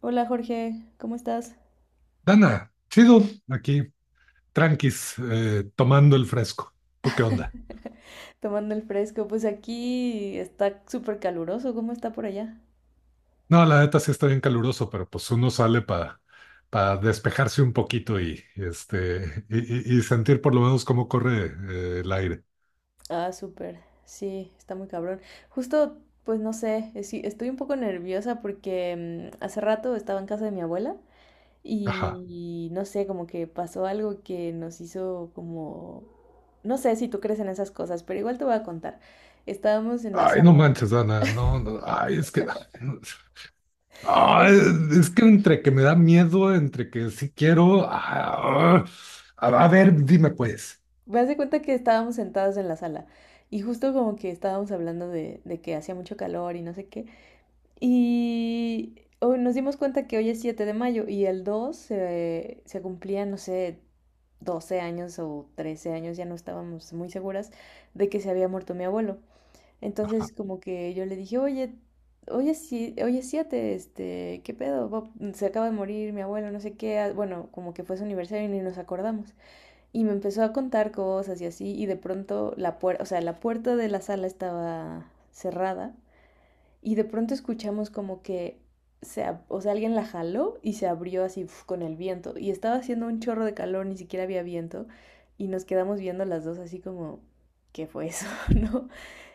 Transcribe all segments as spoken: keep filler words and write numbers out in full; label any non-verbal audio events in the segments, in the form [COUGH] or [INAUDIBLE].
Hola Jorge, ¿cómo estás? Dana, chido, aquí, tranquis, eh, tomando el fresco. ¿Tú qué onda? Tomando el fresco, pues aquí está súper caluroso, ¿cómo está por allá? No, la neta sí está bien caluroso, pero pues uno sale para despejarse un poquito y, este, y, y- y sentir por lo menos cómo corre eh, el aire. Ah, súper, sí, está muy cabrón. Justo, pues no sé, es- sí, estoy un poco nerviosa porque mm, hace rato estaba en casa de mi abuela Ajá. y no sé, como que pasó algo que nos hizo como... No sé si tú crees en esas cosas, pero igual te voy a contar. Estábamos en la Ay, no sala. manches, Dana, no, no, ay, es que, ay, [LAUGHS] es que entre que me da miedo, entre que sí quiero, ah, ah, a, a ver, dime pues. Me hace cuenta que estábamos sentados en la sala y justo como que estábamos hablando de, de que hacía mucho calor y no sé qué. Y hoy nos dimos cuenta que hoy es siete de mayo y el dos se, se cumplía, no sé, doce años o trece años, ya no estábamos muy seguras de que se había muerto mi abuelo. Entonces como que yo le dije, oye, hoy es, si- hoy es siete, este, ¿qué pedo? ¿Bob? Se acaba de morir mi abuelo, no sé qué. ah, Bueno, como que fue su aniversario y ni nos acordamos. Y me empezó a contar cosas y así, y de pronto la puerta, o sea, la puerta de la sala estaba cerrada, y de pronto escuchamos como que, se ab- o sea, alguien la jaló y se abrió así uf, con el viento, y estaba haciendo un chorro de calor, ni siquiera había viento, y nos quedamos viendo las dos así como, ¿qué fue eso? [LAUGHS] ¿No?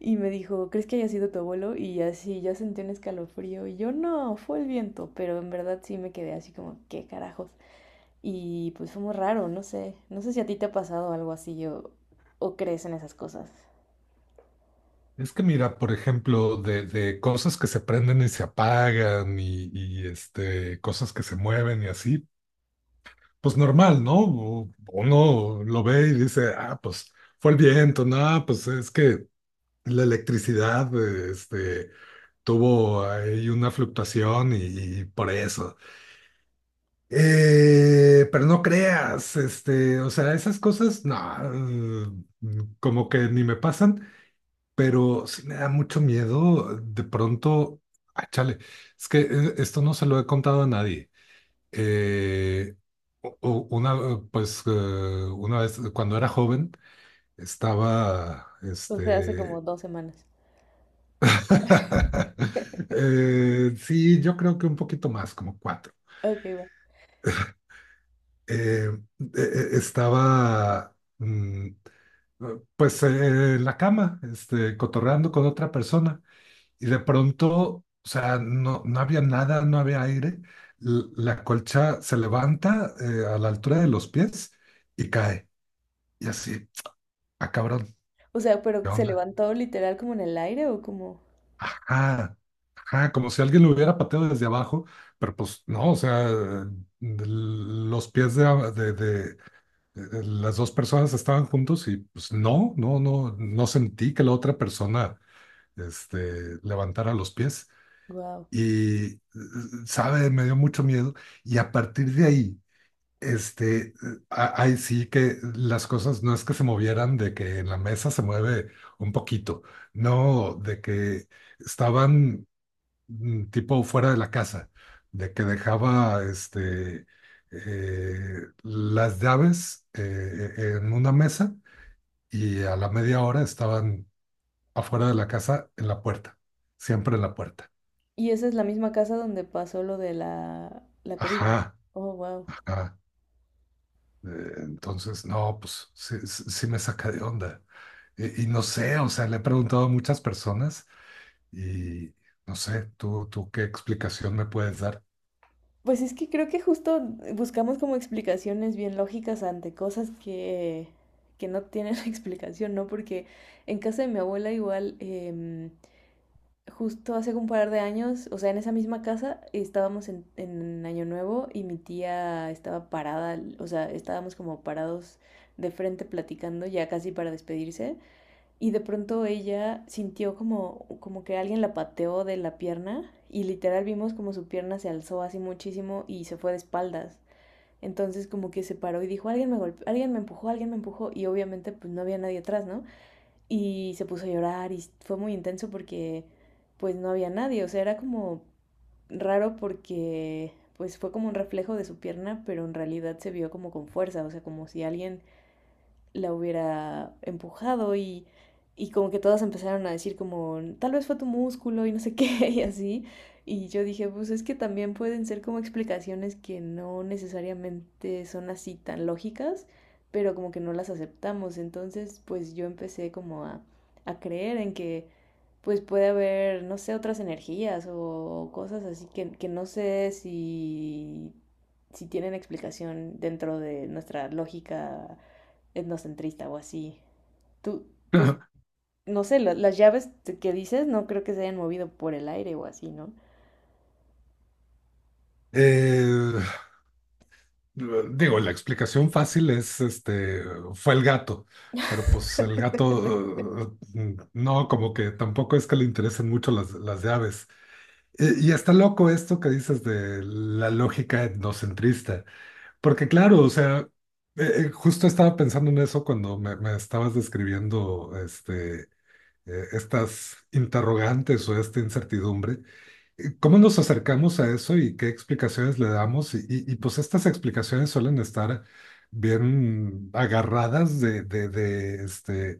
Y me dijo, ¿crees que haya sido tu abuelo? Y así ya sentí un escalofrío, y yo no, fue el viento, pero en verdad sí me quedé así como, ¿qué carajos? Y pues fue muy raro, no sé. No sé si a ti te ha pasado algo así o, o crees en esas cosas. Es que mira, por ejemplo, de, de cosas que se prenden y se apagan y, y, este, cosas que se mueven y así, pues normal, ¿no? U- Uno lo ve y dice, ah, pues fue el viento, no, pues es que la electricidad, eh, este, tuvo ahí una fluctuación y, y por eso. Eh, pero no creas, este, o sea, esas cosas, no, eh, como que ni me pasan. Pero sí me da mucho miedo de pronto, ah, chale, es que eh, esto no se lo he contado a nadie. Eh, u- u- una, eh, pues, eh, una vez, eh, cuando era joven estaba, O sea, hace como este… dos semanas. [LAUGHS] eh, sí, yo creo que un poquito más, como cuatro. Ok, va. Eh, eh, eh, Estaba, mm, eh, pues, eh, en la cama, este, cotorreando con otra persona. Y de pronto, o sea, no, no había nada, no había aire. l- La colcha se levanta, eh, a la altura de los pies, y cae. Y así, ah, cabrón, O sea, pero ¿qué se onda? levantó literal como en el aire o como. Ajá, ajá, como si alguien lo hubiera pateado desde abajo, pero pues no, o sea, de- los pies de, de- de- de las dos personas estaban juntos y pues no, no, no, no sentí que la otra persona, este, levantara los pies. Wow. y eh, sabe, me dio mucho miedo, y a partir de ahí, este, a- ahí sí que las cosas, no es que se movieran, de que en la mesa se mueve un poquito, no, de que estaban, mm, tipo fuera de la casa, de que dejaba, este, eh, las llaves, eh, e, en una mesa, y a la media hora estaban afuera de la casa en la puerta, siempre en la puerta. Y esa es la misma casa donde pasó lo de la, la cobija. Ajá, Oh, wow. ajá. Eh, Entonces, no, pues sí, sí- sí me saca de onda. Y, y no sé, o sea, le he preguntado a muchas personas y no sé, tú, tú qué explicación me puedes dar. [CLEARS THROAT] Pues es que creo que justo buscamos como explicaciones bien lógicas ante cosas que, que no tienen [LAUGHS] explicación, ¿no? Porque en casa de mi abuela igual. Em, justo hace un par de años, o sea, en esa misma casa estábamos en, en Año Nuevo y mi tía estaba parada, o sea, estábamos como parados de frente platicando ya casi para despedirse y de pronto ella sintió como, como que alguien la pateó de la pierna y literal vimos como su pierna se alzó así muchísimo y se fue de espaldas. Entonces como que se paró y dijo, alguien me golpeó, alguien me empujó, alguien me empujó y obviamente pues no había nadie atrás, ¿no? Y se puso a llorar y fue muy intenso porque pues no había nadie, o sea, era como raro porque pues fue como un reflejo de su pierna, pero en realidad se vio como con fuerza, o sea, como si alguien la hubiera empujado y, y como que todas empezaron a decir como, tal vez fue tu músculo y no sé [LAUGHS] qué y así. Y yo dije, pues es que también pueden ser como explicaciones que no necesariamente son así tan lógicas, pero como que no las aceptamos. Entonces, pues yo empecé como a, a creer en que pues puede haber, no sé, otras energías o cosas así que, que no sé si, si tienen explicación dentro de nuestra lógica etnocentrista o así. Tú, pues, [LAUGHS] no sé, la- las llaves que dices no creo que se hayan movido por el aire o así, ¿no? Eh, Digo, la explicación fácil es, este, fue el gato, pero pues el gato, eh, no, como que tampoco es que le interesen mucho las, las de aves. Y, y está loco esto que dices de la lógica etnocentrista. Porque claro, o sea, eh, eh, justo estaba pensando en eso cuando me, me estabas describiendo este, eh, estas interrogantes o esta incertidumbre. eh, ¿Cómo nos acercamos a eso y qué explicaciones le damos? Y, y- y, pues estas explicaciones suelen estar bien agarradas de, de- de, este,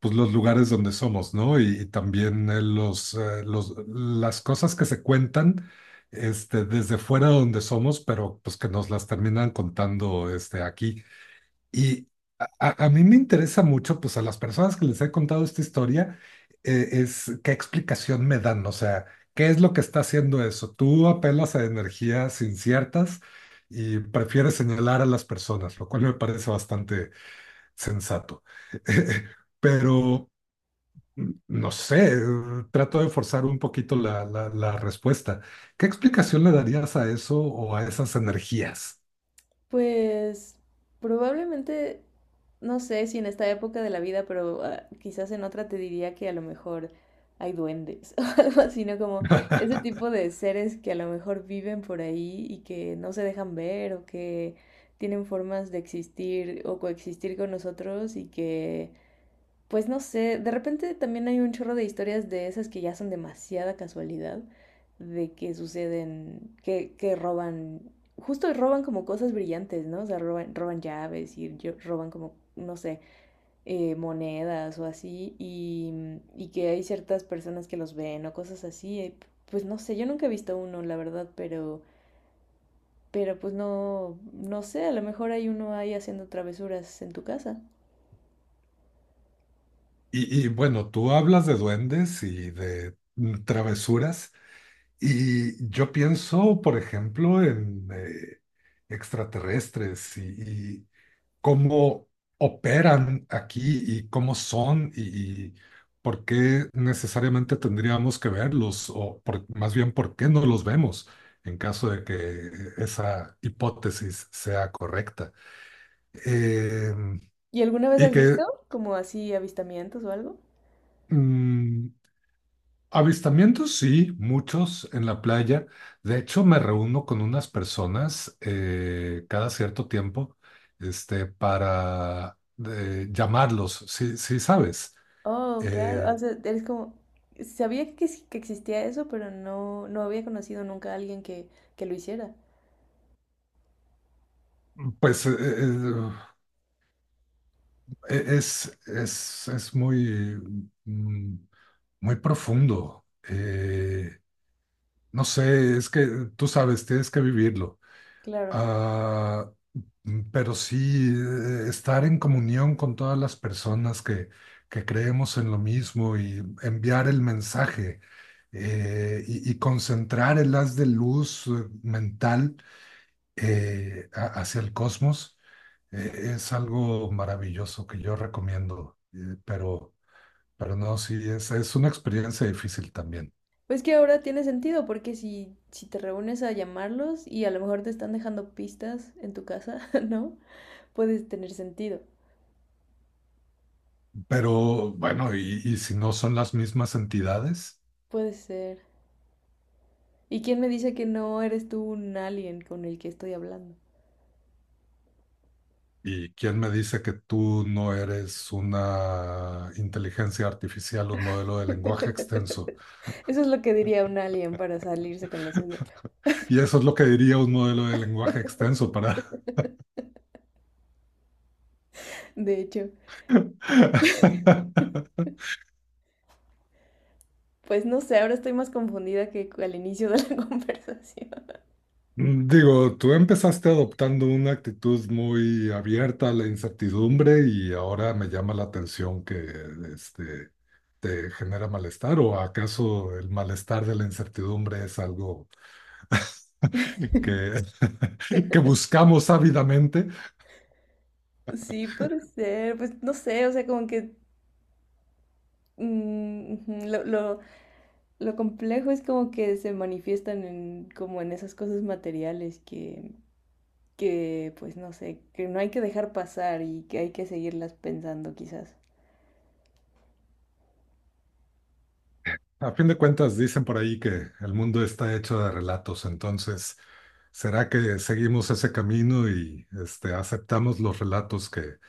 pues los lugares donde somos, ¿no? Y, y también eh, los, eh, los- las cosas que se cuentan, este, desde fuera donde somos, pero pues que nos las terminan contando, este, aquí. Y a, a- a mí me interesa mucho, pues a las personas que les he contado esta historia, eh, es qué explicación me dan, o sea, qué es lo que está haciendo eso. Tú apelas a energías inciertas y prefieres señalar a las personas, lo cual me parece bastante sensato. [LAUGHS] Pero, mm, no sé, eh, trato de forzar un poquito la, la la respuesta. ¿Qué explicación le darías a eso o a esas energías? Pues probablemente, no sé si en esta época de la vida, pero ah, quizás en otra te diría que a lo mejor hay duendes [LAUGHS] o algo así, ¿no? Como ese tipo de seres que a lo mejor viven por ahí y que no se dejan ver o que tienen formas de existir o coexistir con nosotros y que pues no sé, de repente también hay un chorro de historias de esas que ya son demasiada casualidad, de que suceden, que, que roban, justo roban como cosas brillantes, ¿no? O sea, roban, roban llaves y roban como, no sé, eh, monedas o así, y, y que hay ciertas personas que los ven o cosas así. eh, Pues no sé, yo nunca he visto uno, la verdad, pero, pero pues no, no sé, a lo mejor hay uno ahí haciendo travesuras en tu casa. Y, y bueno, tú hablas de duendes y de mm, travesuras, y yo pienso, por ejemplo, en eh, extraterrestres, y, y cómo operan aquí y cómo son, y, y por qué necesariamente tendríamos que verlos, o por- más bien por qué no los vemos en caso de que esa hipótesis sea correcta. Em, ¿Y alguna vez y has que, visto como así avistamientos o algo? mm, avistamientos, sí, muchos en la playa. De hecho, me reúno con unas personas, eh, cada cierto tiempo, este, para eh, llamarlos, sí, sí sabes. Oh, claro, o Eh, sea, eres como, sabía que, ex- que existía eso, pero no, no había conocido nunca a alguien que, que lo hiciera. pues eh, eh, eh, es, es, es muy, mm, muy profundo. Eh, no sé, es que tú sabes, tienes que vivirlo. Claro. Ah, mm, pero sí, eh, estar en comunión con todas las personas que, que creemos en lo mismo, y enviar el mensaje, eh, y, y concentrar el haz de luz, eh, mental, eh, a- hacia el cosmos, eh, es algo maravilloso que yo recomiendo. eh, pero, pero no, sí, es, es una experiencia difícil también. Pues que ahora tiene sentido, porque si, si te reúnes a llamarlos y a lo mejor te están dejando pistas en tu casa, [LAUGHS] ¿no? Puedes tener sentido. Pero bueno, y, y si no son las mismas entidades. Puede ser. ¿Y quién me dice que no eres tú un alien con el que estoy hablando? ¿Y quién me dice que tú no eres una inteligencia artificial, un modelo de lenguaje extenso? [LAUGHS] Eso es lo que diría un alien para salirse con la suya. Y eso es lo que diría un modelo de lenguaje extenso para… [LAUGHS] De hecho. [LAUGHS] Pues no sé, ahora estoy más confundida que al inicio de la [LAUGHS] conversación. Digo, tú empezaste adoptando una actitud muy abierta a la incertidumbre, y ahora me llama la atención que este, te genera malestar, o acaso el malestar de la incertidumbre es algo [LAUGHS] que, [LAUGHS] que buscamos ávidamente. Sí, puede ser, pues no sé, o sea, como que mm, ujú, lo, lo, lo complejo es como que se manifiestan en, como en esas cosas materiales que, que, pues no sé, que no hay que dejar pasar y que hay que seguirlas pensando quizás. A fin de cuentas, dicen por ahí que el mundo está hecho de relatos, entonces, ¿será que seguimos ese camino y este, aceptamos los relatos que,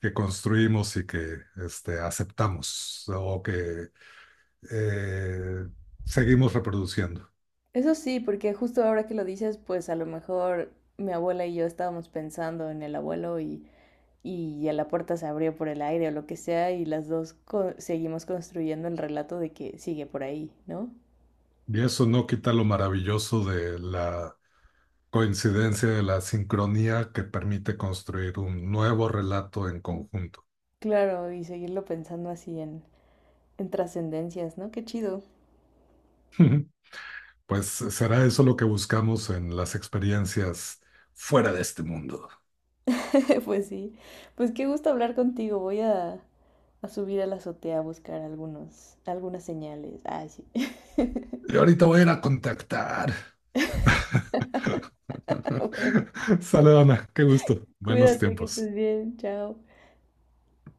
que construimos y que este, aceptamos, o que eh, seguimos reproduciendo? Eso sí, porque justo ahora que lo dices, pues a lo mejor mi abuela y yo estábamos pensando en el abuelo y y ya la puerta se abrió por el aire o lo que sea y las dos co seguimos construyendo el relato de que sigue por ahí, ¿no? Y eso no quita lo maravilloso de la coincidencia, de la sincronía que permite construir un nuevo relato en conjunto. Claro, y seguirlo pensando así en, en trascendencias, ¿no? Qué chido. [LAUGHS] Pues será eso lo que buscamos en las experiencias fuera de este mundo. [LAUGHS] Pues sí, pues qué gusto hablar contigo. Voy a, a subir a la azotea a buscar algunos, algunas señales. Ah, sí. Y ahorita voy a ir a contactar. [LAUGHS] [LAUGHS] Bueno, Saludona, qué gusto. Buenos cuídate, que tiempos. estés bien. Chao.